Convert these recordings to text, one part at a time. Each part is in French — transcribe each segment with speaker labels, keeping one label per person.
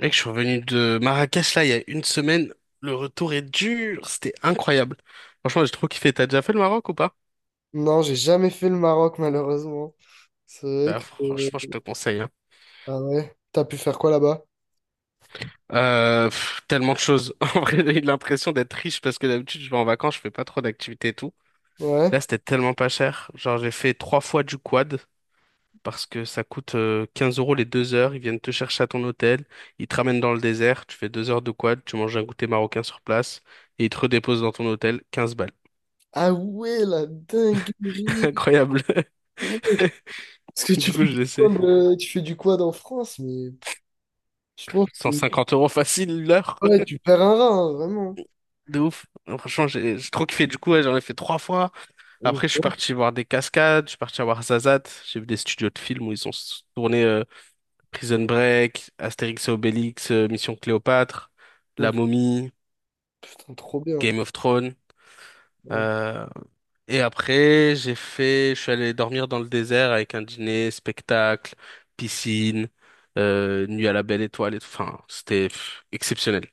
Speaker 1: Mec, je suis revenu de Marrakech là il y a une semaine. Le retour est dur, c'était incroyable. Franchement, j'ai trop kiffé. T'as déjà fait le Maroc ou pas?
Speaker 2: Non, j'ai jamais fait le Maroc, malheureusement. C'est vrai
Speaker 1: Bah,
Speaker 2: que...
Speaker 1: franchement, je te conseille, hein.
Speaker 2: Ah ouais? T'as pu faire quoi là-bas?
Speaker 1: Pff, tellement de choses. En vrai, j'ai eu l'impression d'être riche parce que d'habitude, je vais en vacances, je fais pas trop d'activités et tout.
Speaker 2: Ouais.
Speaker 1: Là, c'était tellement pas cher. Genre, j'ai fait trois fois du quad parce que ça coûte 15 € les 2 heures. Ils viennent te chercher à ton hôtel, ils te ramènent dans le désert, tu fais 2 heures de quad, tu manges un goûter marocain sur place et ils te redéposent dans ton hôtel. Quinze balles.
Speaker 2: Ah ouais, la dinguerie!
Speaker 1: Incroyable.
Speaker 2: Ouais. Parce que tu
Speaker 1: Du coup,
Speaker 2: fais du
Speaker 1: je laissais
Speaker 2: quad, tu fais du quad en France, mais je pense que
Speaker 1: cent cinquante euros facile l'heure.
Speaker 2: ouais, tu perds un rein, hein, vraiment.
Speaker 1: De ouf. Franchement, j'ai trop kiffé. Du coup, ouais, j'en ai fait trois fois. Après, je suis parti voir des cascades, je suis parti voir Zazat. J'ai vu des studios de films où ils ont tourné Prison Break, Astérix et Obélix, Mission Cléopâtre, La
Speaker 2: Donc,
Speaker 1: Momie,
Speaker 2: putain, trop bien.
Speaker 1: Game of Thrones.
Speaker 2: Ouais.
Speaker 1: Euh, et après, j'ai fait, je suis allé dormir dans le désert avec un dîner, spectacle, piscine, nuit à la belle étoile et tout. Enfin, c'était pff, exceptionnel.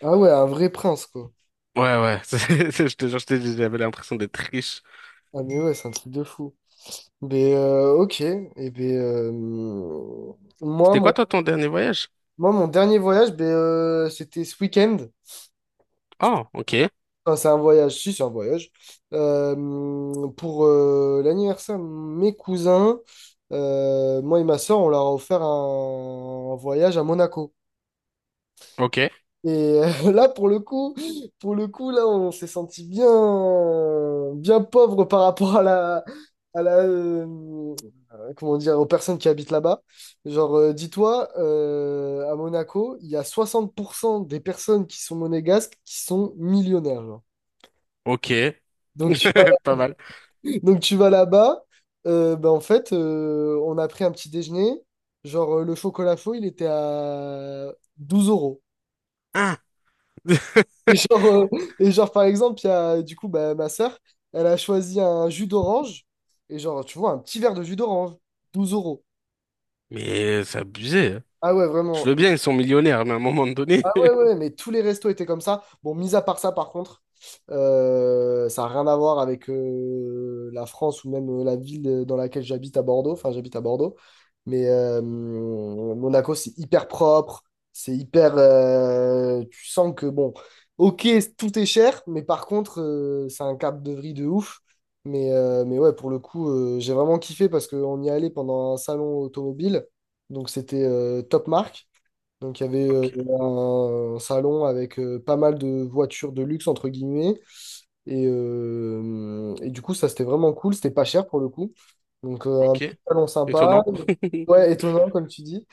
Speaker 2: Ah ouais, un vrai prince, quoi.
Speaker 1: Ouais, ouais, je te jure, je t'ai dit, j'avais l'impression d'être riche.
Speaker 2: Ah mais ouais, c'est un truc de fou. Mais ok, et ben moi,
Speaker 1: C'était
Speaker 2: mon,
Speaker 1: quoi, toi, ton dernier voyage?
Speaker 2: moi, mon dernier voyage, ben, c'était ce week-end.
Speaker 1: Oh, ok,
Speaker 2: Enfin, c'est un voyage, si, c'est un voyage. Pour l'anniversaire de mes cousins, moi et ma soeur, on leur a offert un voyage à Monaco.
Speaker 1: ok,
Speaker 2: Et là, pour le coup, là, on s'est senti bien, bien pauvre par rapport à à la, euh, comment dire, aux personnes qui habitent là-bas. Genre, dis-toi, à Monaco, il y a 60% des personnes qui sont monégasques qui sont millionnaires, genre.
Speaker 1: ok.
Speaker 2: Donc tu vas,
Speaker 1: Pas mal.
Speaker 2: donc tu vas là-bas, ben, en fait, on a pris un petit déjeuner. Genre, le chocolat chaud, il était à 12 euros.
Speaker 1: Ah,
Speaker 2: Et genre, euh, et genre, par exemple, il y a, du coup, bah, ma sœur, elle a choisi un jus d'orange. Et genre, tu vois, un petit verre de jus d'orange, 12 euros.
Speaker 1: mais c'est abusé, hein.
Speaker 2: Ah ouais,
Speaker 1: Je
Speaker 2: vraiment.
Speaker 1: veux bien, ils sont millionnaires, mais à un moment donné.
Speaker 2: Ah ouais, ouais, mais tous les restos étaient comme ça. Bon, mis à part ça, par contre, ça n'a rien à voir avec la France ou même la ville dans laquelle j'habite à Bordeaux. Enfin, j'habite à Bordeaux. Mais Monaco, c'est hyper propre. C'est hyper... tu sens que, bon, ok, tout est cher, mais par contre, c'est un cap de vrille de ouf. Mais ouais, pour le coup, j'ai vraiment kiffé parce qu'on y allait pendant un salon automobile. Donc, c'était top marque. Donc il y avait
Speaker 1: Ok,
Speaker 2: un salon avec pas mal de voitures de luxe, entre guillemets. Et du coup, ça, c'était vraiment cool. C'était pas cher pour le coup. Donc un petit
Speaker 1: ok.
Speaker 2: salon sympa.
Speaker 1: Étonnant.
Speaker 2: Ouais, étonnant, comme tu dis.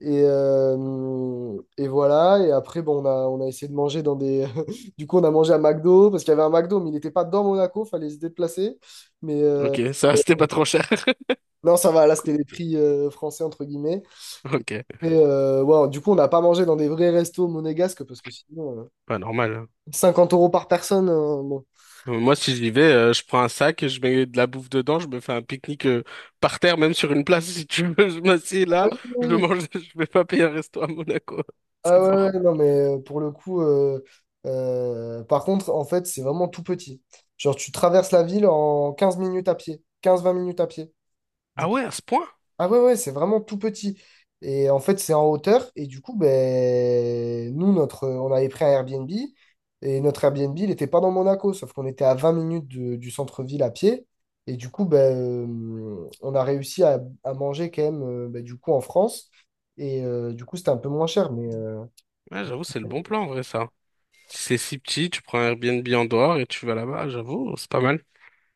Speaker 2: Et voilà. Et après, bon, on a essayé de manger dans des. Du coup, on a mangé à McDo parce qu'il y avait un McDo, mais il n'était pas dans Monaco. Fallait se déplacer. Mais
Speaker 1: Ok, ça, c'était pas trop cher.
Speaker 2: non, ça va. Là, c'était les prix français, entre guillemets.
Speaker 1: Ok,
Speaker 2: Ouais, du coup, on n'a pas mangé dans des vrais restos monégasques parce que sinon,
Speaker 1: pas normal, hein.
Speaker 2: 50 euros par personne. Euh, bon.
Speaker 1: Moi, si j'y vais, je prends un sac, je mets de la bouffe dedans, je me fais un pique-nique par terre, même sur une place, si tu veux. Je m'assieds là, je
Speaker 2: Oui.
Speaker 1: mange, je vais pas payer un resto à Monaco.
Speaker 2: Ah
Speaker 1: C'est
Speaker 2: ouais, ouais,
Speaker 1: mort.
Speaker 2: ouais, non, mais pour le coup, par contre, en fait, c'est vraiment tout petit. Genre, tu traverses la ville en 15 minutes à pied, 15 20 minutes à pied.
Speaker 1: Ah ouais, à ce point?
Speaker 2: Ah ouais, ouais, c'est vraiment tout petit. Et en fait, c'est en hauteur. Et du coup, ben, on avait pris un Airbnb. Et notre Airbnb, il n'était pas dans Monaco, sauf qu'on était à 20 minutes de- du centre-ville à pied. Et du coup, ben, on a réussi à manger quand même, ben, du coup, en France. Et du coup, c'était un peu moins cher. Mais
Speaker 1: Ouais, j'avoue, c'est le bon plan en vrai, ça. Si c'est si petit, tu prends un Airbnb en dehors et tu vas là-bas, j'avoue, c'est pas mal.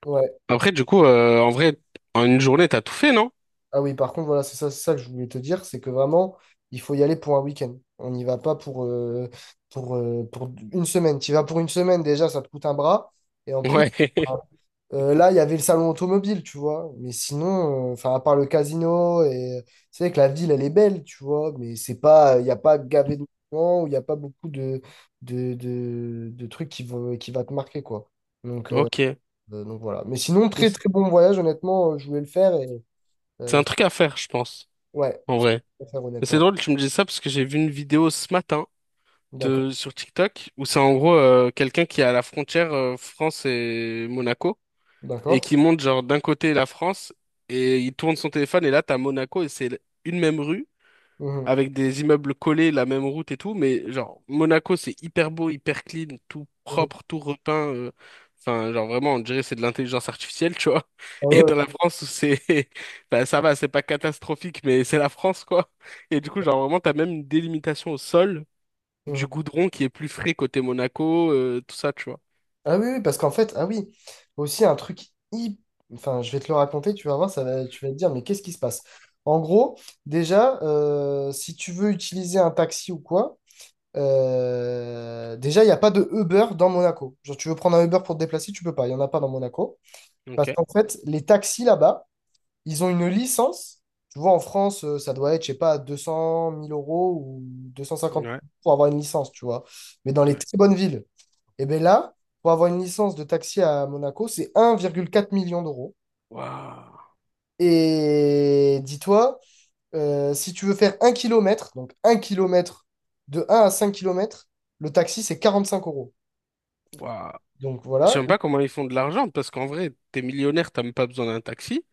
Speaker 2: ouais.
Speaker 1: Après, du coup, en vrai, en une journée, t'as tout fait, non?
Speaker 2: Ah oui, par contre, voilà, c'est ça que je voulais te dire, c'est que vraiment, il faut y aller pour un week-end. On n'y va pas pour, pour une semaine. Tu y vas pour une semaine, déjà, ça te coûte un bras. Et en plus,
Speaker 1: Ouais,
Speaker 2: là, il y avait le salon automobile, tu vois. Mais sinon, enfin, à part le casino, et c'est vrai que la ville, elle est belle, tu vois. Mais c'est pas, il n'y a pas gavé de moments, où il n'y a pas beaucoup de trucs qui vont, qui va te marquer, quoi. Donc, euh,
Speaker 1: ok.
Speaker 2: donc voilà. Mais sinon,
Speaker 1: Mais
Speaker 2: très
Speaker 1: c'est
Speaker 2: très bon voyage, honnêtement, je voulais le faire. Et,
Speaker 1: c'est un truc à faire, je pense,
Speaker 2: ouais,
Speaker 1: en
Speaker 2: ça
Speaker 1: vrai.
Speaker 2: peut faire
Speaker 1: Mais c'est
Speaker 2: honnêtement.
Speaker 1: drôle, tu me dis ça parce que j'ai vu une vidéo ce matin
Speaker 2: D'accord,
Speaker 1: de, sur TikTok où c'est en gros quelqu'un qui est à la frontière France et Monaco et
Speaker 2: d'accord.
Speaker 1: qui monte genre d'un côté la France et il tourne son téléphone et là, t'as Monaco et c'est une même rue.
Speaker 2: Mhm,
Speaker 1: Avec des immeubles collés, la même route et tout, mais genre Monaco c'est hyper beau, hyper clean, tout
Speaker 2: mhm.
Speaker 1: propre, tout repeint. Enfin, genre vraiment, on dirait c'est de l'intelligence artificielle, tu vois.
Speaker 2: Ah
Speaker 1: Et
Speaker 2: ouais.
Speaker 1: dans la France où c'est, ben, ça va, c'est pas catastrophique, mais c'est la France quoi. Et du coup, genre vraiment, t'as même une délimitation au sol du
Speaker 2: Mhm.
Speaker 1: goudron qui est plus frais côté Monaco, tout ça, tu vois.
Speaker 2: Ah oui, oui, parce qu'en fait, ah oui, aussi un truc hyp- enfin, je vais te le raconter, tu vas voir, ça va, tu vas te dire, mais qu'est-ce qui se passe? En gros, déjà, si tu veux utiliser un taxi ou quoi, déjà, il n'y a pas de Uber dans Monaco. Genre, tu veux prendre un Uber pour te déplacer, tu peux pas, il n'y en a pas dans Monaco.
Speaker 1: Ok.
Speaker 2: Parce qu'en fait, les taxis là-bas, ils ont une licence. Tu vois, en France, ça doit être, je sais pas, 200 000 euros ou 250
Speaker 1: Ouais.
Speaker 2: pour avoir une licence, tu vois. Mais dans les
Speaker 1: Ouais.
Speaker 2: très bonnes villes, et bien là, pour avoir une licence de taxi à Monaco, c'est 1,4 million d'euros.
Speaker 1: Waouh.
Speaker 2: Et dis-toi, si tu veux faire donc 1 kilomètre, de 1 à 5 kilomètres, le taxi, c'est 45 euros.
Speaker 1: Waouh.
Speaker 2: Donc
Speaker 1: Je sais
Speaker 2: voilà.
Speaker 1: même pas comment ils font de l'argent parce qu'en vrai, t'es millionnaire, t'as même pas besoin d'un taxi.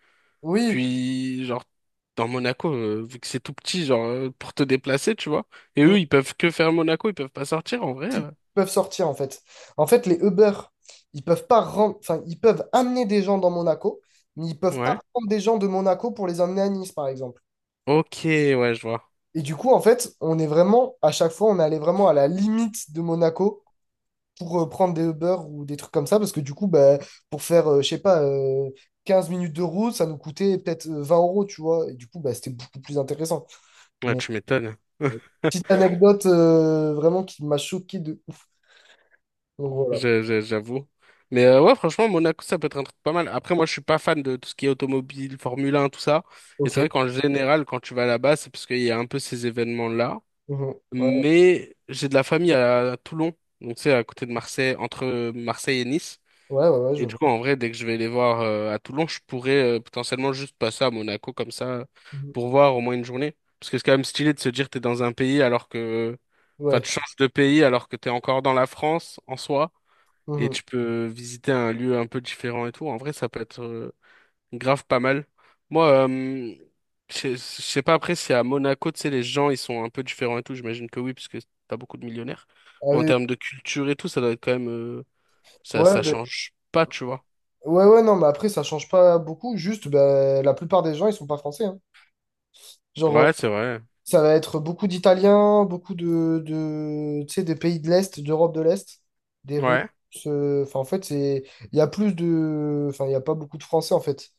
Speaker 2: Oui,
Speaker 1: Puis, genre, dans Monaco, vu que c'est tout petit, genre, pour te déplacer, tu vois. Et
Speaker 2: oui,
Speaker 1: eux, ils peuvent que faire Monaco, ils peuvent pas sortir, en vrai.
Speaker 2: peuvent sortir en fait. En fait, les Uber, ils peuvent pas ren- enfin, ils peuvent amener des gens dans Monaco, mais ils peuvent pas
Speaker 1: Ouais.
Speaker 2: prendre des gens de Monaco pour les emmener à Nice, par exemple.
Speaker 1: Ok, ouais, je vois.
Speaker 2: Et du coup, en fait, on est vraiment, à chaque fois, on est allé vraiment à la limite de Monaco pour prendre des Uber ou des trucs comme ça, parce que du coup, bah, pour faire, je sais pas, 15 minutes de route, ça nous coûtait peut-être 20 euros, tu vois. Et du coup, bah, c'était beaucoup plus intéressant.
Speaker 1: Ouais,
Speaker 2: Mais
Speaker 1: tu m'étonnes.
Speaker 2: euh, petite anecdote vraiment qui m'a choqué de ouf. Donc voilà.
Speaker 1: J'avoue. Mais ouais, franchement, Monaco, ça peut être un truc pas mal. Après, moi, je suis pas fan de tout ce qui est automobile, Formule 1, tout ça. Et
Speaker 2: Ok.
Speaker 1: c'est vrai qu'en général, quand tu vas là-bas, c'est parce qu'il y a un peu ces événements-là.
Speaker 2: Mhm. Ouais,
Speaker 1: Mais j'ai de la famille à Toulon, donc c'est à côté de Marseille, entre Marseille et Nice.
Speaker 2: ouais, ouais, ouais, je
Speaker 1: Et du
Speaker 2: vois.
Speaker 1: coup, en vrai, dès que je vais les voir à Toulon, je pourrais potentiellement juste passer à Monaco comme ça
Speaker 2: Mhm.
Speaker 1: pour voir au moins une journée. Parce que c'est quand même stylé de se dire t'es dans un pays alors que... Enfin,
Speaker 2: Ouais.
Speaker 1: tu changes de pays alors que t'es encore dans la France en soi et
Speaker 2: Mhm.
Speaker 1: tu peux visiter un lieu un peu différent et tout. En vrai, ça peut être grave pas mal. Moi, je sais pas après si à Monaco, tu sais, les gens, ils sont un peu différents et tout. J'imagine que oui, parce que t'as beaucoup de millionnaires.
Speaker 2: Ah
Speaker 1: Mais en
Speaker 2: oui.
Speaker 1: termes de culture et tout, ça doit être quand même... ça,
Speaker 2: Ouais,
Speaker 1: ça
Speaker 2: ben-
Speaker 1: change pas, tu vois.
Speaker 2: ouais, ouais, non, mais après, ça change pas beaucoup. Juste, ben, la plupart des gens, ils sont pas français, hein. Genre,
Speaker 1: Ouais, c'est vrai.
Speaker 2: ça va être beaucoup d'Italiens, beaucoup tu sais, des pays de l'Est, d'Europe de l'Est, des Russes.
Speaker 1: Ouais,
Speaker 2: Enfin, en fait, il y a plus de, enfin, il y a pas beaucoup de Français, en fait.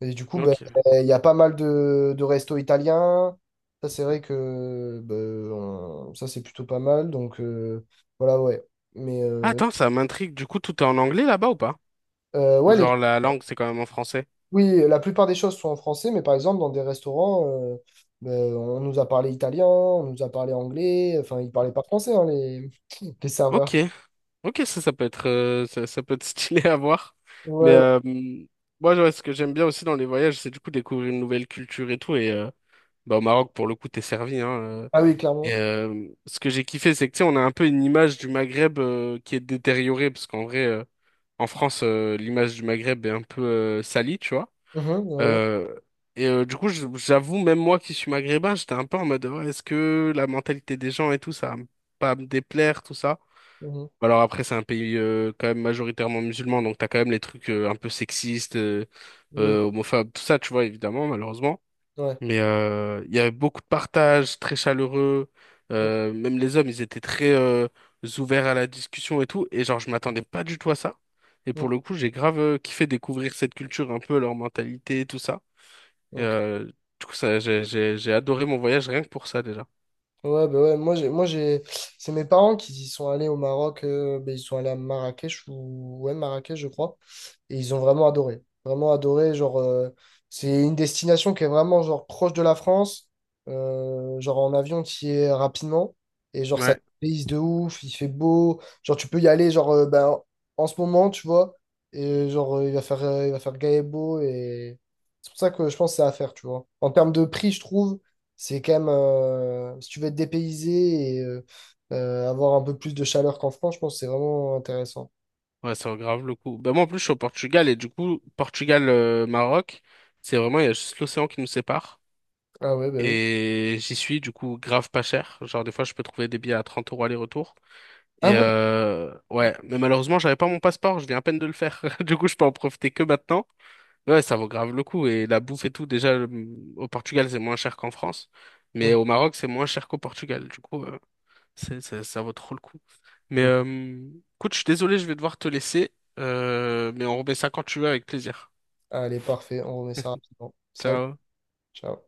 Speaker 2: Et du coup, ben,
Speaker 1: ok.
Speaker 2: il y a pas mal de restos italiens. Ça, c'est vrai que, ben, ça, c'est plutôt pas mal. Donc, voilà, ouais. Mais,
Speaker 1: Ah,
Speaker 2: euh,
Speaker 1: Attends, ça m'intrigue. Du coup, tout est en anglais là-bas ou pas? Ou
Speaker 2: ouais, les
Speaker 1: genre la langue, c'est quand même en français?
Speaker 2: oui, la plupart des choses sont en français, mais par exemple, dans des restaurants, on nous a parlé italien, on nous a parlé anglais, enfin, ils parlaient pas français, hein, les, les serveurs.
Speaker 1: Ok, ok, ça peut être, ça, ça peut être stylé à voir. Mais
Speaker 2: Ouais, ouais.
Speaker 1: moi, genre, ce que j'aime bien aussi dans les voyages, c'est du coup découvrir une nouvelle culture et tout. Et bah, au Maroc, pour le coup, t'es servi, hein.
Speaker 2: Ah oui,
Speaker 1: Et
Speaker 2: clairement.
Speaker 1: ce que j'ai kiffé, c'est que tu sais, on a un peu une image du Maghreb qui est détériorée, parce qu'en vrai, en France, l'image du Maghreb est un peu salie, tu vois.
Speaker 2: Mhm, ouais, ouais,
Speaker 1: Euh, et du coup, j'avoue, même moi qui suis maghrébin, j'étais un peu en mode, ouais, est-ce que la mentalité des gens et tout, ça va pas me déplaire, tout ça?
Speaker 2: mhm,
Speaker 1: Bah, alors après, c'est un pays quand même majoritairement musulman, donc t'as quand même les trucs un peu sexistes,
Speaker 2: oui,
Speaker 1: homophobes, tout ça, tu vois, évidemment, malheureusement.
Speaker 2: ouais.
Speaker 1: Mais il y avait beaucoup de partage, très chaleureux.
Speaker 2: Mhm,
Speaker 1: Même les hommes, ils étaient très ouverts à la discussion et tout. Et genre, je m'attendais pas du tout à ça. Et
Speaker 2: mhm.
Speaker 1: pour le coup, j'ai grave kiffé découvrir cette culture, un peu leur mentalité, et tout ça. Et,
Speaker 2: Donc,
Speaker 1: du coup, ça, j'ai adoré mon voyage rien que pour ça déjà.
Speaker 2: ouais, bah ouais, c'est mes parents qui y sont allés au Maroc, bah, ils sont allés à Marrakech ou ouais Marrakech je crois, et ils ont vraiment adoré, genre c'est une destination qui est vraiment genre proche de la France, genre en avion qui est rapidement et genre ça te
Speaker 1: Ouais.
Speaker 2: payse de ouf, il fait beau, genre tu peux y aller genre ben, en ce moment tu vois, et genre il va faire gai et beau et c'est pour ça que je pense que c'est à faire tu vois. En termes de prix je trouve. C'est quand même, si tu veux être dépaysé et avoir un peu plus de chaleur qu'en France, je pense que c'est vraiment intéressant.
Speaker 1: Ouais, ça vaut grave le coup. Ben moi, en plus, je suis au Portugal et du coup, Portugal-Maroc, c'est vraiment, il y a juste l'océan qui nous sépare.
Speaker 2: Ah ouais, bah oui.
Speaker 1: Et j'y suis, du coup, grave pas cher. Genre, des fois, je peux trouver des billets à 30 € aller-retour.
Speaker 2: Ah
Speaker 1: Et
Speaker 2: ouais.
Speaker 1: ouais, mais malheureusement, j'avais pas mon passeport, je viens à peine de le faire. Du coup, je peux en profiter que maintenant. Ouais, ça vaut grave le coup. Et la bouffe et tout, déjà, au Portugal, c'est moins cher qu'en France.
Speaker 2: Mhm.
Speaker 1: Mais au Maroc, c'est moins cher qu'au Portugal. Du coup, Ça, ça vaut trop le coup. Mais écoute, je suis désolé, je vais devoir te laisser. Mais on remet ça quand tu veux avec plaisir.
Speaker 2: Allez, parfait, on remet ça rapidement. Salut,
Speaker 1: Ciao.
Speaker 2: ciao.